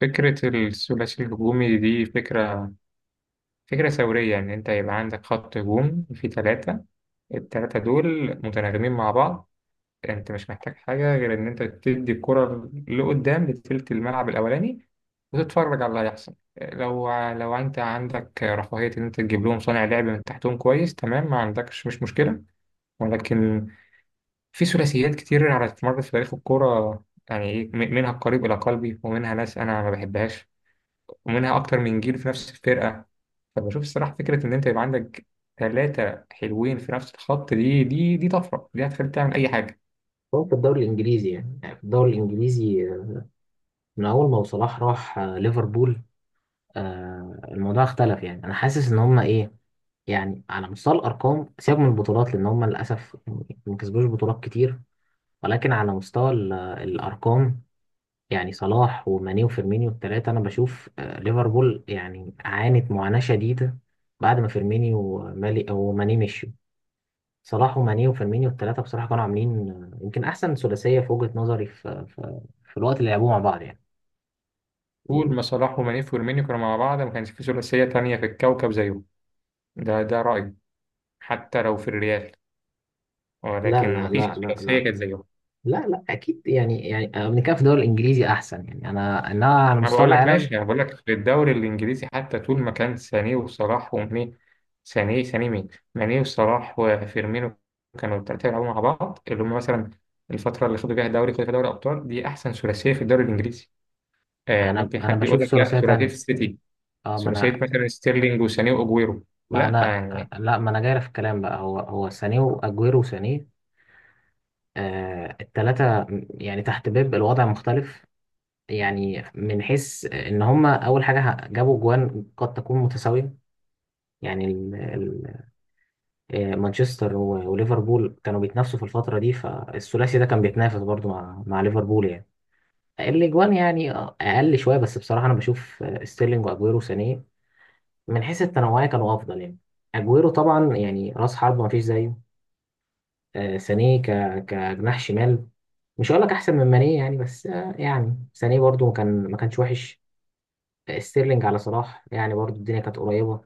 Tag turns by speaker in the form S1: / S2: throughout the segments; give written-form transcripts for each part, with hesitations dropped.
S1: فكرة الثلاثي الهجومي دي فكرة ثورية. يعني أنت يبقى عندك خط هجوم فيه ثلاثة، التلاتة دول متناغمين مع بعض. أنت مش محتاج حاجة غير إن أنت تدي الكرة لقدام لتلت الملعب الأولاني وتتفرج على اللي هيحصل. لو أنت عندك رفاهية إن أنت تجيب لهم صانع لعب من تحتهم كويس، تمام، ما عندكش مش مشكلة. ولكن في ثلاثيات كتير على مر في تاريخ الكرة، يعني إيه، منها القريب إلى قلبي ومنها ناس أنا ما بحبهاش، ومنها أكتر من جيل في نفس الفرقة. فبشوف الصراحة فكرة إن أنت يبقى عندك ثلاثة حلوين في نفس الخط دي طفرة، دي هتخليك تعمل أي حاجة.
S2: هو في الدوري الانجليزي يعني في الدوري الانجليزي، من اول ما صلاح راح ليفربول. الموضوع اختلف، يعني انا حاسس ان هم ايه. يعني على مستوى الارقام، سيبك من البطولات لان هم للاسف ما كسبوش بطولات كتير. ولكن على مستوى الارقام، يعني صلاح وماني وفيرمينيو الثلاثه، انا بشوف ليفربول يعني عانت معاناه شديده بعد ما فيرمينيو ومالي وماني مشوا. صلاح وماني وفيرمينيو الثلاثة بصراحة كانوا عاملين يمكن أحسن ثلاثية في وجهة نظري، في, الوقت اللي لعبوه مع بعض يعني.
S1: طول ما صلاح ومانيف ويرمينيو كانوا مع بعض ما كانش في ثلاثية تانية في الكوكب زيهم. ده رأيي، حتى لو في الريال، ولكن
S2: لا لا
S1: ما فيش
S2: لا لا
S1: ثلاثية
S2: لا،
S1: كانت زيهم.
S2: لا لا أكيد. يعني بنتكلم في الدوري الإنجليزي أحسن، يعني أنا على
S1: ما
S2: مستوى
S1: بقول لك
S2: العالم.
S1: ماشي، انا بقول لك في الدوري الانجليزي، حتى طول ما كان سانيه وصلاح وماني. سانيه، سانيه مين؟ ماني وصلاح وفيرمينو، كانوا الثلاثه بيلعبوا مع بعض اللي هم مثلا الفتره اللي خدوا فيها الدوري، خدوا فيها دوري ابطال، دي احسن ثلاثيه في الدوري الانجليزي. آه،
S2: أنا
S1: ممكن
S2: أنا
S1: حد يقول
S2: بشوف
S1: لك لا،
S2: ثلاثية
S1: ثلاثيه
S2: تانية.
S1: السيتي،
S2: ما
S1: ثلاثيه
S2: أنا.
S1: مثلا ستيرلينج وسانيه واجويرو.
S2: ما
S1: لا
S2: أنا.
S1: يعني
S2: لا ما أنا جاي في الكلام بقى. هو سانيه وأجويرو وسانيه. الثلاثة يعني تحت بيب الوضع مختلف. يعني من حيث إن هما أول حاجة جابوا جوان، قد تكون متساوية يعني. مانشستر وليفربول كانوا بيتنافسوا في الفترة دي، فالثلاثي ده كان بيتنافس برضو مع ليفربول يعني. الأجوان يعني أقل شوية، بس بصراحة أنا بشوف ستيرلينج وأجويرو سانيه من حيث التنوعية كانوا أفضل يعني. أجويرو طبعا يعني رأس حربة مفيش زيه. سانيه كجناح شمال. مش هقول لك أحسن من مانيه يعني، بس يعني سانيه برضو كان ما كانش وحش. ستيرلينج على صلاح يعني برضو الدنيا كانت قريبة،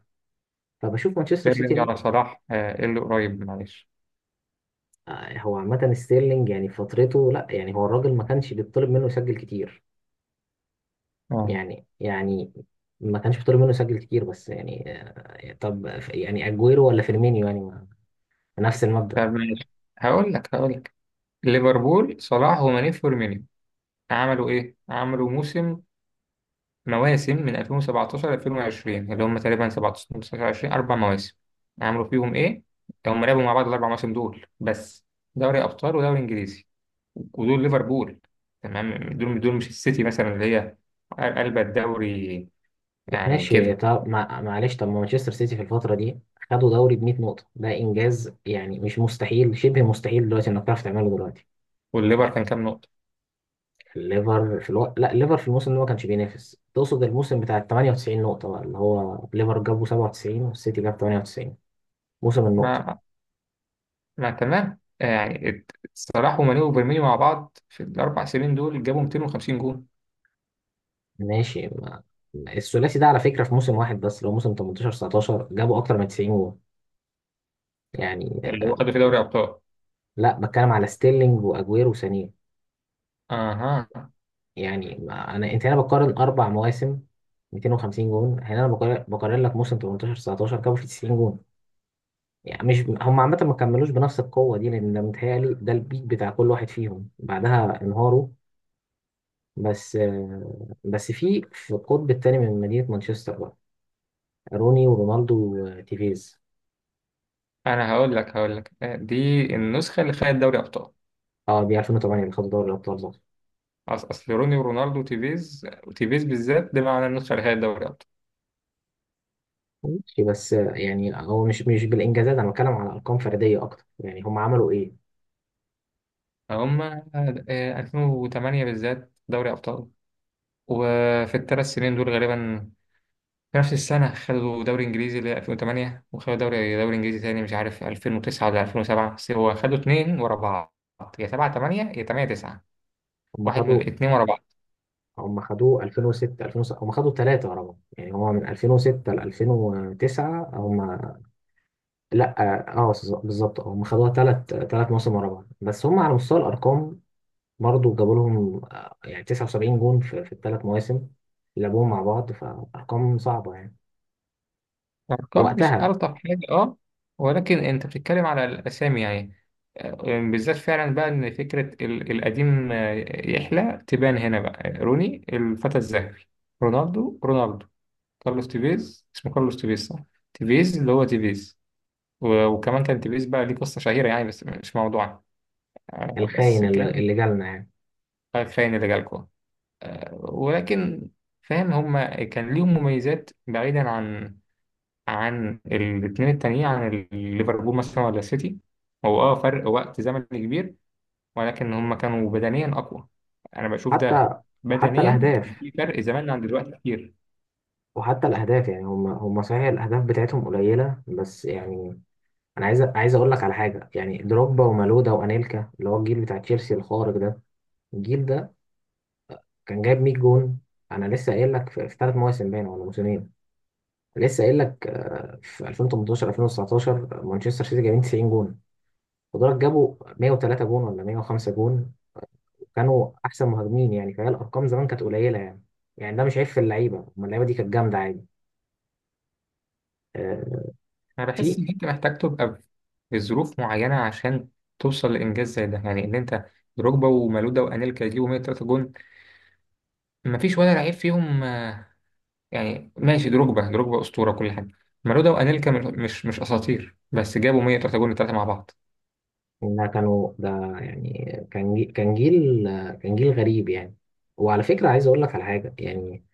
S2: فبشوف مانشستر
S1: ستيرلينج
S2: سيتي.
S1: على صلاح، آه إيه اللي قريب معلش.
S2: هو عامة ستيرلينج يعني في فترته لا، يعني هو الراجل ما كانش بيطلب منه يسجل كتير.
S1: اه.
S2: يعني ما كانش بيطلب منه يسجل كتير، بس يعني طب يعني اجويرو ولا فيرمينيو يعني نفس
S1: طب
S2: المبدأ.
S1: ماشي، هقول لك هقول لك، ليفربول صلاح وماني فيرمينو عملوا ايه؟ عملوا موسم، مواسم من 2017 ل 2020، اللي هم تقريبا 17 19 20، اربع مواسم. عملوا فيهم ايه؟ هم لعبوا مع بعض الاربع مواسم دول بس، دوري ابطال ودوري انجليزي، ودول ليفربول. تمام، دول مش السيتي مثلا اللي هي قلب الدوري يعني
S2: ماشي،
S1: كده.
S2: طب معلش، طب ما مانشستر سيتي في الفترة دي خدوا دوري ب 100 نقطة، ده انجاز يعني، مش مستحيل، شبه مستحيل دلوقتي انك تعرف تعمله دلوقتي.
S1: والليفر كان
S2: يعني
S1: كام نقطة؟
S2: الليفر في الوقت، لا الليفر في الموسم ده ما كانش بينافس، تقصد الموسم بتاع 98 نقطة بقى اللي هو ليفر جابوا 97 والسيتي جاب 98، موسم النقطة.
S1: ما ما تمام يعني صلاح وماني وفيرمينيو مع بعض في الاربع سنين دول جابوا 250 جون.
S2: ماشي ما. الثلاثي ده على فكرة في موسم واحد بس، اللي هو موسم 18 19، جابوا أكتر من 90 جول يعني.
S1: اللي هو خدوا في دوري ابطال.
S2: لا بتكلم على ستيرلينج وأجويرو وسانيه.
S1: اها.
S2: يعني ما أنا أنت هنا بقارن أربع مواسم 250 جون، هنا أنا بقارن لك موسم 18 19 جابوا فيه 90 جون. يعني مش هم عامة ما كملوش بنفس القوة دي، لأن متهيألي ده البيك بتاع كل واحد فيهم، بعدها انهاروا. بس بس في القطب التاني من مدينة مانشستر بقى، روني ورونالدو وتيفيز.
S1: انا هقول لك هقول لك، دي النسخه اللي خدت دوري ابطال.
S2: اه دي 2008 اللي خدوا دوري الابطال ده.
S1: اصل روني ورونالدو وتيفيز، وتيفيز بالذات، ده معنى النسخه اللي خدت دوري ابطال.
S2: ماشي بس يعني هو مش بالانجازات، انا بتكلم على ارقام فرديه اكتر، يعني هم عملوا ايه.
S1: هم 2008 بالذات دوري ابطال، وفي الثلاث سنين دول غالبا في نفس السنه خدوا دوري انجليزي اللي هي 2008، وخدوا دوري انجليزي تاني، مش عارف 2009 ولا 2007، بس هو خدوا اتنين ورا بعض، يا 7 8 يا 8 9،
S2: هم
S1: واحد من
S2: خدوا
S1: الاتنين ورا بعض.
S2: هم خدوه 2006 2007، هم خدوا ثلاثه ورا بعض، يعني هو من 2006 ل 2009. هم لا. بالظبط. هم خدوها ثلاث مواسم ورا بعض، بس هم على مستوى الارقام برضو جابوا لهم يعني 79 جون في الثلاث مواسم اللي لعبوهم مع بعض، فارقام صعبه يعني
S1: الأرقام مش
S2: وقتها.
S1: ألطف حاجة، أه، ولكن أنت بتتكلم على الأسامي يعني. يعني بالذات فعلا بقى إن فكرة القديم، يحلى تبان هنا بقى. روني الفتى الذهبي، رونالدو، كارلوس تيفيز، اسمه كارلوس تيفيز صح؟ تيفيز اللي هو تيفيز. وكمان كان تيفيز بقى ليه قصة شهيرة يعني، بس مش موضوعنا. بس
S2: الخاين
S1: كان
S2: اللي جالنا يعني.
S1: خاين اللي جالكوا. ولكن فاهم، هما كان ليهم مميزات بعيدا عن عن الاثنين التانيين، عن ليفربول مثلا ولا سيتي. هو اه فرق وقت زمني كبير، ولكن هم كانوا بدنيا اقوى، انا بشوف ده،
S2: حتى. وحتى
S1: بدنيا كان
S2: الأهداف.
S1: في فرق زمان عن دلوقتي كتير.
S2: وحتى الاهداف يعني هم صحيح الاهداف بتاعتهم قليله، بس يعني انا عايز اقول لك على حاجه، يعني دروجبا ومالودا وانيلكا اللي هو الجيل بتاع تشيلسي الخارق ده، الجيل ده كان جايب 100 جون. انا لسه قايل لك في ثلاث مواسم، باين ولا موسمين. لسه قايل لك في 2018 2019 مانشستر سيتي جايبين 90 جون، ودول جابوا 103 جون ولا 105 جون وكانوا احسن مهاجمين. يعني فهي الارقام زمان كانت قليله يعني. يعني ده مش عيب في اللعيبه، أما اللعيبه دي كانت جامده عادي. آه،
S1: انا بحس
S2: في
S1: ان انت محتاج تبقى في ظروف معينه عشان توصل لانجاز زي ده، يعني ان انت دروجبا ومالودا وانيلكا يجيبوا 103 جون، مفيش ولا لعيب فيهم، يعني ماشي، دروجبا اسطوره كل حاجه، مالودا وانيلكا مش اساطير، بس جابوا 103 جون الثلاثه مع بعض.
S2: إنها كانوا ده. يعني كان جي- كان جيل كان جيل غريب يعني. وعلى فكرة عايز أقول لك على حاجة، يعني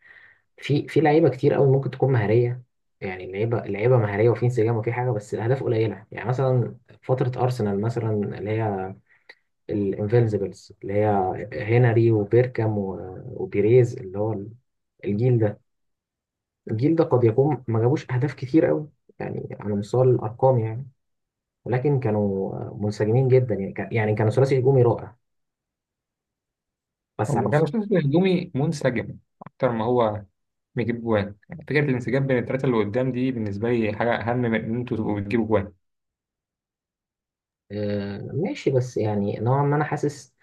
S2: في لعيبة كتير قوي ممكن تكون مهارية، يعني اللعيبة مهارية وفي انسجام وفي حاجة، بس الأهداف قليلة. يعني مثلا فترة أرسنال مثلا، اللي هي الانفينسيبلز، اللي هي هنري وبيركام وبيريز، اللي هو الجيل ده. قد يكون ما جابوش أهداف كتير قوي، يعني على مستوى الأرقام يعني. ولكن كانوا منسجمين جدا، يعني يعني كانوا ثلاثي هجومي رائع، بس
S1: هم
S2: على المس...
S1: كانوا شكل هجومي منسجم أكتر ما هو بيجيب جوان، يعني فكرة الانسجام بين التلاتة اللي قدام دي بالنسبة لي حاجة أهم من إن أنتوا تبقوا بتجيبوا جوان.
S2: ماشي، بس يعني نوعا ما انا حاسس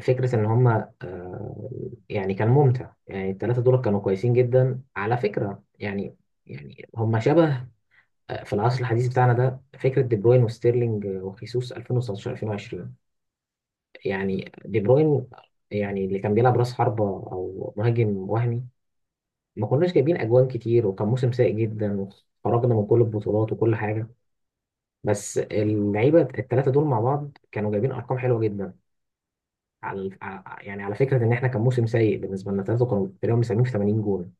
S2: فكرة ان هما آه. يعني كان ممتع، يعني الثلاثة دول كانوا كويسين جدا على فكرة يعني. يعني هما شبه في العصر الحديث بتاعنا ده، فكرة دي بروين وستيرلينج وخيسوس 2019 2020. يعني دي بروين، يعني اللي كان بيلعب راس حربة او مهاجم وهمي، ما كناش جايبين اجوان كتير وكان موسم سيء جدا وخرجنا من كل البطولات وكل حاجة. بس اللعيبة الثلاثة دول مع بعض كانوا جايبين ارقام حلوة جدا. على يعني على فكره ان احنا كان موسم سيء بالنسبه لنا، ثلاثه كانوا تقريبا مساهمين في 80 جون.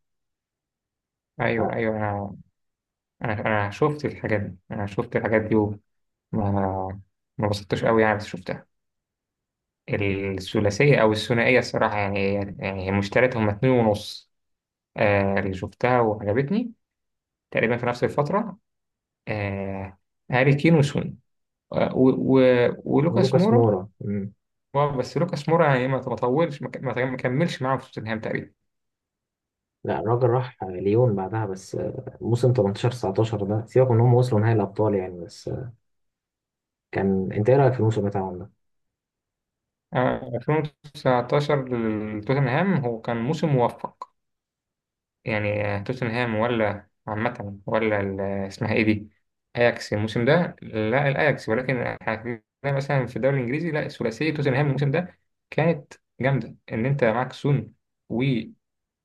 S1: أيوه
S2: ف
S1: أيوه أنا شفت الحاجات دي، أنا شفت الحاجات دي وما ما بسطتش قوي يعني، بس شفتها. الثلاثية أو الثنائية الصراحة يعني، يعني هي مش تلاتة هما اتنين ونص. آه، اللي شفتها وعجبتني تقريبا في نفس الفترة، آه، هاري كين وسون، آه ولوكاس
S2: ولوكاس
S1: مورا.
S2: مورا. مم.
S1: اه بس لوكاس مورا يعني ما طولش، ما ك- ما ما كملش معاهم في توتنهام تقريبا.
S2: لا الراجل راح ليون بعدها، بس موسم 18 19 ده سيبك من ان هم وصلوا نهائي الابطال يعني، بس كان انت ايه رايك في الموسم بتاعهم ده؟
S1: 2019 لتوتنهام هو كان موسم موفق يعني، آه، توتنهام ولا عامة ولا اسمها ايه دي، اياكس الموسم ده لا الاياكس، ولكن احنا اتكلمنا مثلا في الدوري الانجليزي، لا ثلاثية توتنهام الموسم ده كانت جامدة، ان انت معاك سون،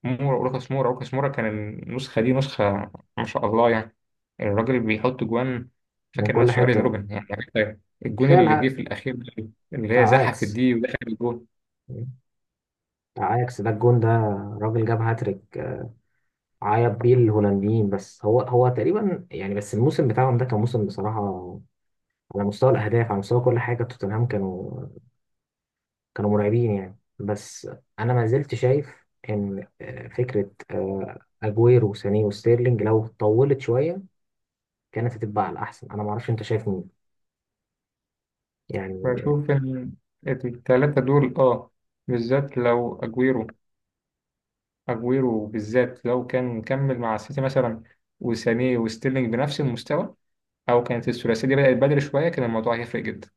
S1: مورا، وروكاس مورا. روكاس مورا كان النسخة دي نسخة ما شاء الله يعني، الراجل اللي بيحط جوان
S2: من
S1: فاكر
S2: كل
S1: نفسه ارين
S2: حته
S1: روبن يعني، حتى الجون
S2: كفايه
S1: اللي جه
S2: الها
S1: في الأخير ده اللي هي
S2: بتاع
S1: زحفت
S2: اياكس.
S1: دي ودخل الجون.
S2: مم. بتاع اياكس ده الجون ده، راجل جاب هاتريك، عيط بيه الهولنديين. بس هو تقريبا يعني، بس الموسم بتاعهم ده كان موسم بصراحه على مستوى الاهداف، على مستوى كل حاجه توتنهام كانوا مرعبين يعني. بس انا ما زلت شايف ان فكره اجويرو وسانيه وستيرلينج لو طولت شويه كانت هتبقى على الاحسن. انا ما اعرفش انت شايف مين يعني.
S1: بشوف إن التلاتة دول اه بالذات لو أجويرو، أجويرو بالذات لو كان كمل مع السيتي مثلا، وسانيه وستيرلينج بنفس المستوى، أو كانت الثلاثية دي بدأت بدري شوية، كان الموضوع هيفرق جدا.